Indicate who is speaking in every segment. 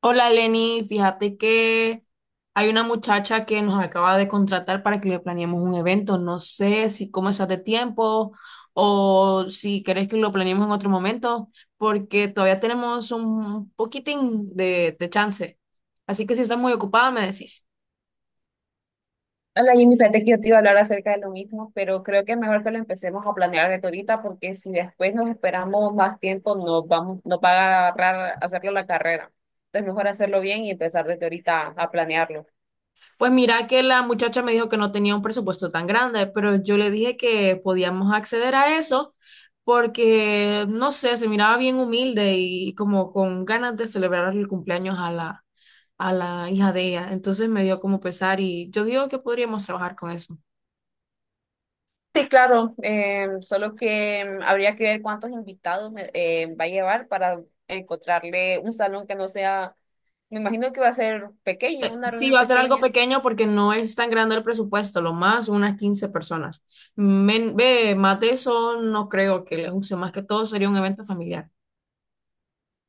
Speaker 1: Hola Lenny, fíjate que hay una muchacha que nos acaba de contratar para que le planeemos un evento. No sé si cómo estás de tiempo o si querés que lo planeemos en otro momento, porque todavía tenemos un poquitín de chance. Así que si estás muy ocupada, me decís.
Speaker 2: Hola Jimmy, fíjate que yo te iba a hablar acerca de lo mismo, pero creo que es mejor que lo empecemos a planear desde ahorita, porque si después nos esperamos más tiempo, nos va a agarrar hacerlo la carrera. Entonces mejor hacerlo bien y empezar desde ahorita a planearlo.
Speaker 1: Pues mira que la muchacha me dijo que no tenía un presupuesto tan grande, pero yo le dije que podíamos acceder a eso porque, no sé, se miraba bien humilde y como con ganas de celebrar el cumpleaños a a la hija de ella. Entonces me dio como pesar y yo digo que podríamos trabajar con eso.
Speaker 2: Sí, claro, solo que habría que ver cuántos invitados va a llevar para encontrarle un salón que no sea, me imagino que va a ser pequeño, una
Speaker 1: Sí,
Speaker 2: reunión
Speaker 1: va a ser algo
Speaker 2: pequeña.
Speaker 1: pequeño porque no es tan grande el presupuesto, lo más unas 15 personas. Ve, más de eso no creo que les use, más que todo sería un evento familiar.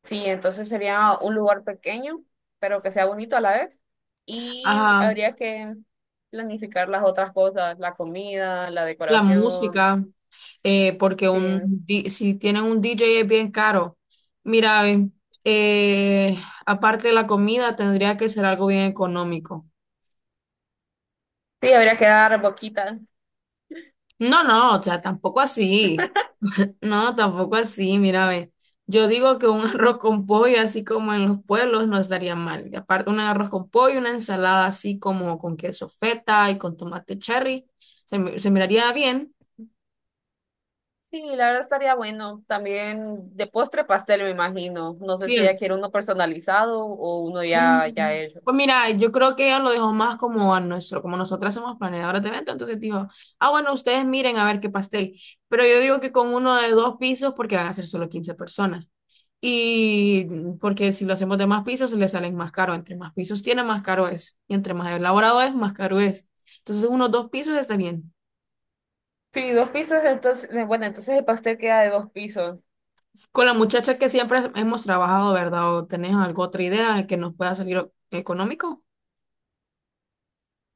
Speaker 2: Sí, entonces sería un lugar pequeño, pero que sea bonito a la vez. Y
Speaker 1: Ajá.
Speaker 2: habría que planificar las otras cosas, la comida, la
Speaker 1: La
Speaker 2: decoración.
Speaker 1: música, porque
Speaker 2: Sí,
Speaker 1: si tienen un DJ es bien caro. Mira, eh, aparte de la comida, tendría que ser algo bien económico.
Speaker 2: sí, habría que dar boquita.
Speaker 1: No, no, o sea, tampoco así. No, tampoco así, mira, ve. Yo digo que un arroz con pollo, así como en los pueblos, no estaría mal. Y aparte, un arroz con pollo, una ensalada así como con queso feta y con tomate cherry, se miraría bien.
Speaker 2: Sí, la verdad estaría bueno. También de postre pastel, me imagino. No sé si ella
Speaker 1: Sí.
Speaker 2: quiere uno personalizado o uno ya hecho.
Speaker 1: Pues mira, yo creo que ella lo dejó más como a nuestro, como nosotras somos planeadoras de evento, entonces dijo, ah, bueno, ustedes miren a ver qué pastel. Pero yo digo que con uno de dos pisos, porque van a ser solo 15 personas. Y porque si lo hacemos de más pisos, se le salen más caro. Entre más pisos tiene, más caro es. Y entre más elaborado es, más caro es. Entonces, unos dos pisos está bien.
Speaker 2: Sí, dos pisos, entonces, bueno, entonces el pastel queda de dos pisos.
Speaker 1: Con la muchacha que siempre hemos trabajado, ¿verdad? ¿O tenés alguna otra idea que nos pueda salir económico?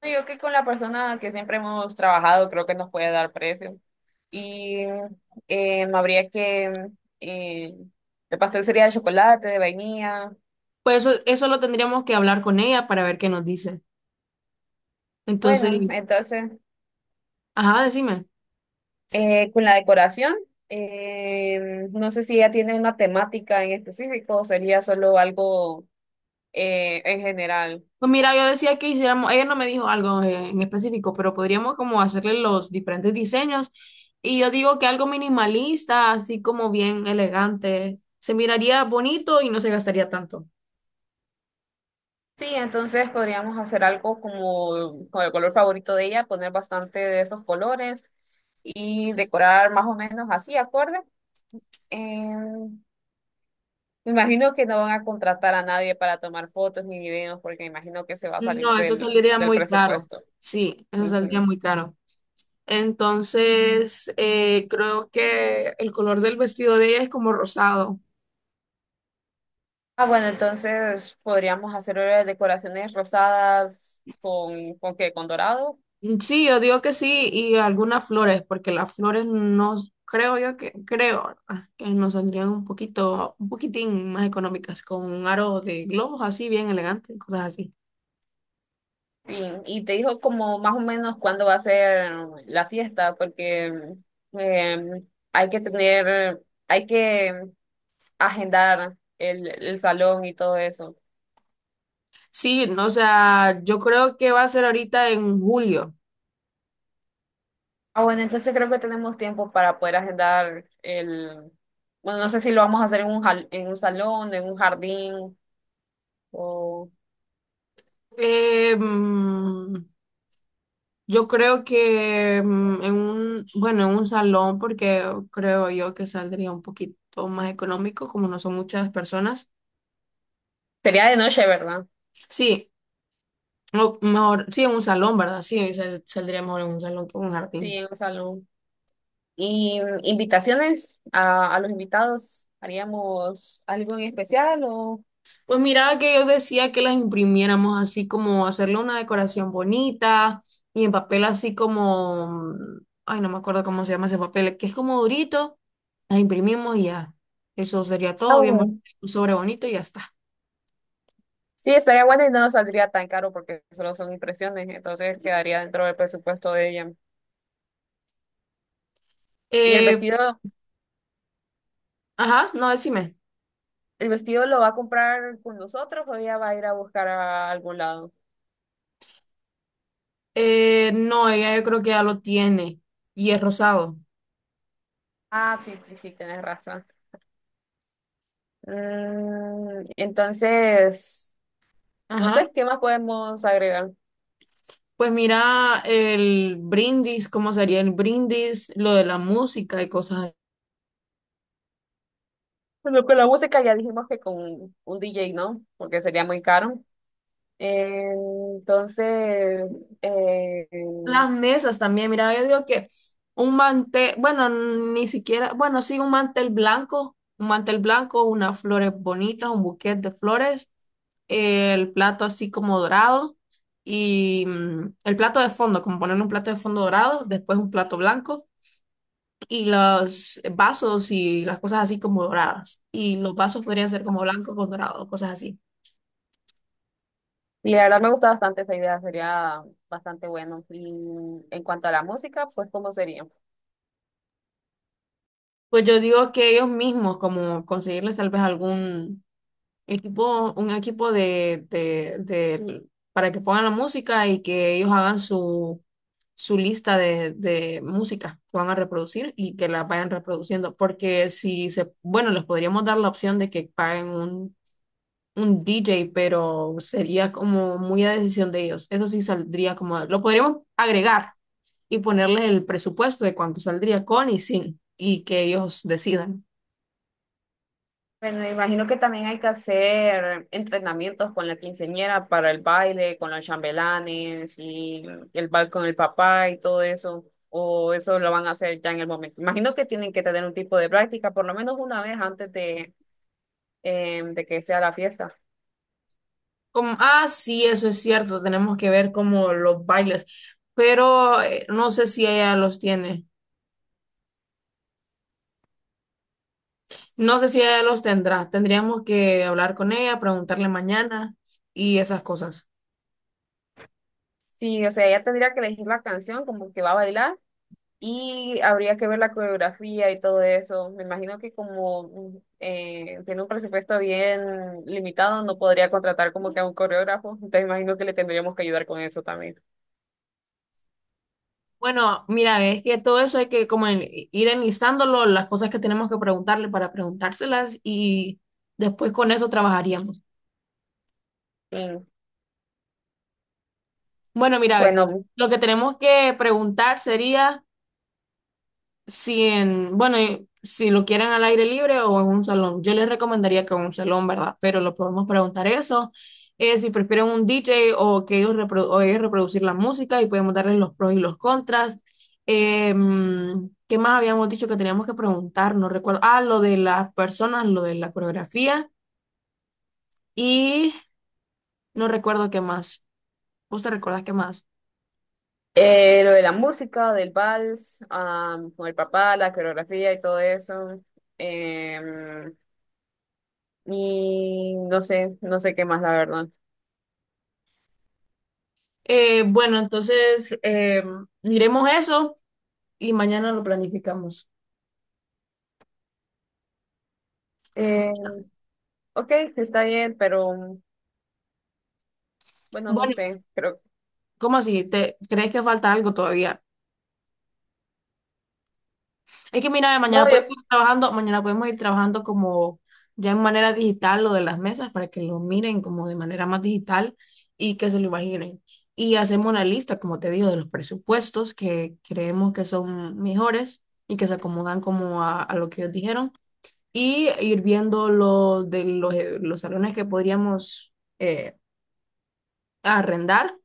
Speaker 2: Yo que con la persona que siempre hemos trabajado, creo que nos puede dar precio. Y habría que eh, el pastel sería de chocolate, de vainilla.
Speaker 1: Pues eso lo tendríamos que hablar con ella para ver qué nos dice. Entonces,
Speaker 2: Bueno, entonces
Speaker 1: ajá, decime.
Speaker 2: con la decoración, no sé si ella tiene una temática en específico o sería solo algo en general.
Speaker 1: Pues mira, yo decía que hiciéramos, ella no me dijo algo en específico, pero podríamos como hacerle los diferentes diseños. Y yo digo que algo minimalista, así como bien elegante, se miraría bonito y no se gastaría tanto.
Speaker 2: Sí, entonces podríamos hacer algo como con el color favorito de ella, poner bastante de esos colores y decorar más o menos así, acorde. Em, Me imagino que no van a contratar a nadie para tomar fotos ni videos porque imagino que se va a salir
Speaker 1: No, eso saldría
Speaker 2: del
Speaker 1: muy caro.
Speaker 2: presupuesto.
Speaker 1: Sí, eso saldría
Speaker 2: Ujú.
Speaker 1: muy caro. Entonces, creo que el color del vestido de ella es como rosado.
Speaker 2: Ah, bueno, entonces podríamos hacer decoraciones rosadas ¿con qué? ¿Con dorado?
Speaker 1: Sí, yo digo que sí, y algunas flores, porque las flores no, creo yo que, creo que nos saldrían un poquito, un poquitín más económicas, con un aro de globos así, bien elegante, cosas así.
Speaker 2: Sí. Y te dijo como más o menos cuándo va a ser la fiesta porque eh, hay que hay que agendar el salón y todo eso.
Speaker 1: Sí, no, o sea, yo creo que va a ser ahorita en julio.
Speaker 2: Ah, bueno, entonces creo que tenemos tiempo para poder agendar el... Bueno, no sé si lo vamos a hacer en en un salón, en un jardín, o...
Speaker 1: Eh, mm, yo creo que bueno, en un salón, porque creo yo que saldría un poquito más económico, como no son muchas personas.
Speaker 2: Sería de noche, ¿verdad?
Speaker 1: Sí. O mejor, sí, en un salón, ¿verdad? Sí, saldría mejor en un salón que en un
Speaker 2: Sí,
Speaker 1: jardín.
Speaker 2: en un salón. ¿Y invitaciones a los invitados? ¿Haríamos algo en especial o...?
Speaker 1: Pues mira que yo decía que las imprimiéramos así como hacerle una decoración bonita y en papel así como, no me acuerdo cómo se llama ese papel, que es como durito, las imprimimos y ya. Eso sería
Speaker 2: Ah,
Speaker 1: todo bien bonito,
Speaker 2: bueno.
Speaker 1: un sobre bonito y ya está.
Speaker 2: Sí, estaría bueno y no nos saldría tan caro porque solo son impresiones, entonces quedaría dentro del presupuesto de ella. ¿Y
Speaker 1: Eh, ajá, no, decime.
Speaker 2: el vestido lo va a comprar con nosotros o ella va a ir a buscar a algún lado?
Speaker 1: No, ella yo creo que ya lo tiene y es rosado.
Speaker 2: Ah, sí, sí, sí, tienes razón. Mm, entonces, no
Speaker 1: Ajá.
Speaker 2: sé, ¿qué más podemos agregar?
Speaker 1: Pues mira, el brindis, cómo sería el brindis, lo de la música y cosas.
Speaker 2: Bueno, con la música ya dijimos que con un DJ no, porque sería muy caro. Eh, entonces, eh,
Speaker 1: Las mesas también, mira, yo digo que un mantel, bueno, ni siquiera, bueno, sí, un mantel blanco, unas flores bonitas, un buquete de flores, el plato así como dorado y el plato de fondo, como poner un plato de fondo dorado, después un plato blanco y los vasos y las cosas así como doradas. Y los vasos podrían ser como blancos con dorado, cosas así.
Speaker 2: y la verdad me gusta bastante esa idea, sería bastante bueno. Y en cuanto a la música, pues, ¿cómo sería?
Speaker 1: Pues yo digo que ellos mismos, como conseguirles tal vez algún equipo, un equipo para que pongan la música y que ellos hagan su, su lista de música que van a reproducir y que la vayan reproduciendo. Porque si se, bueno, les podríamos dar la opción de que paguen un DJ, pero sería como muy a decisión de ellos. Eso sí saldría como, lo podríamos agregar y ponerle el presupuesto de cuánto saldría con y sin, y que ellos decidan.
Speaker 2: Bueno, me imagino que también hay que hacer entrenamientos con la quinceañera para el baile, con los chambelanes y el vals con el papá y todo eso. O eso lo van a hacer ya en el momento. Imagino que tienen que tener un tipo de práctica, por lo menos una vez antes de, de que sea la fiesta.
Speaker 1: Como, ah, sí, eso es cierto, tenemos que ver como los bailes, pero no sé si ella los tiene, no sé si ella los tendrá, tendríamos que hablar con ella, preguntarle mañana y esas cosas.
Speaker 2: Sí, o sea, ella tendría que elegir la canción como que va a bailar. Y habría que ver la coreografía y todo eso. Me imagino que como tiene un presupuesto bien limitado, no podría contratar como que a un coreógrafo. Entonces imagino que le tendríamos que ayudar con eso también.
Speaker 1: Bueno, mira, es que todo eso hay que como ir enlistándolo, las cosas que tenemos que preguntarle para preguntárselas y después con eso trabajaríamos.
Speaker 2: Sí.
Speaker 1: Bueno, mira, ve,
Speaker 2: Bueno,
Speaker 1: lo que tenemos que preguntar sería... si en, bueno, y si lo quieren al aire libre o en un salón, yo les recomendaría que en un salón, ¿verdad? Pero lo podemos preguntar eso, si prefieren un DJ o que o ellos reproducir la música y podemos darles los pros y los contras. ¿Qué más habíamos dicho que teníamos que preguntar? No recuerdo. Ah, lo de las personas, lo de la coreografía y no recuerdo qué más. ¿Vos te recuerdas qué más?
Speaker 2: lo de la música, del vals, con el papá, la coreografía y todo eso. Em, y no sé, no sé qué más, la verdad.
Speaker 1: Bueno, entonces miremos eso y mañana lo planificamos.
Speaker 2: Em, ok, está bien, pero bueno, no
Speaker 1: Bueno,
Speaker 2: sé. Creo,
Speaker 1: ¿cómo así? ¿Te crees que falta algo todavía? Es que mira, mañana
Speaker 2: no,
Speaker 1: podemos
Speaker 2: yo
Speaker 1: ir trabajando, mañana podemos ir trabajando como ya en manera digital lo de las mesas para que lo miren como de manera más digital y que se lo imaginen. Y hacemos una lista, como te digo, de los presupuestos que creemos que son mejores y que se acomodan como a lo que ellos dijeron y ir viendo lo de los salones que podríamos eh, arrendar.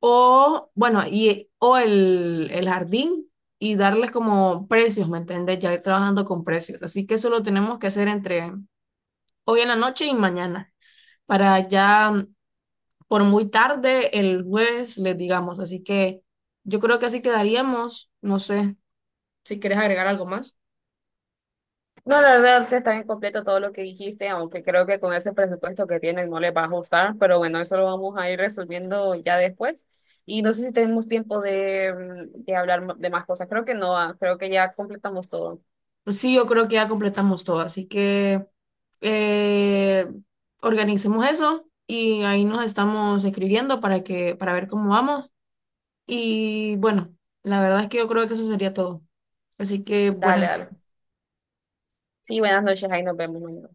Speaker 1: O, bueno, y, o el jardín y darles como precios, ¿me entendés? Ya ir trabajando con precios. Así que eso lo tenemos que hacer entre hoy en la noche y mañana, para ya por muy tarde el jueves les digamos. Así que yo creo que así quedaríamos. No sé si quieres agregar algo más.
Speaker 2: No, la verdad está bien completo todo lo que dijiste, aunque creo que con ese presupuesto que tienen no les va a ajustar, pero bueno, eso lo vamos a ir resolviendo ya después. Y no sé si tenemos tiempo de, de hablar de más cosas. Creo que no, ah, creo que ya completamos todo.
Speaker 1: Sí, yo creo que ya completamos todo. Así que eh, organicemos eso y ahí nos estamos escribiendo para que, para ver cómo vamos. Y bueno, la verdad es que yo creo que eso sería todo. Así que buenas
Speaker 2: Dale,
Speaker 1: noches.
Speaker 2: dale. Sí, buenas noches, ahí nos vemos mañana.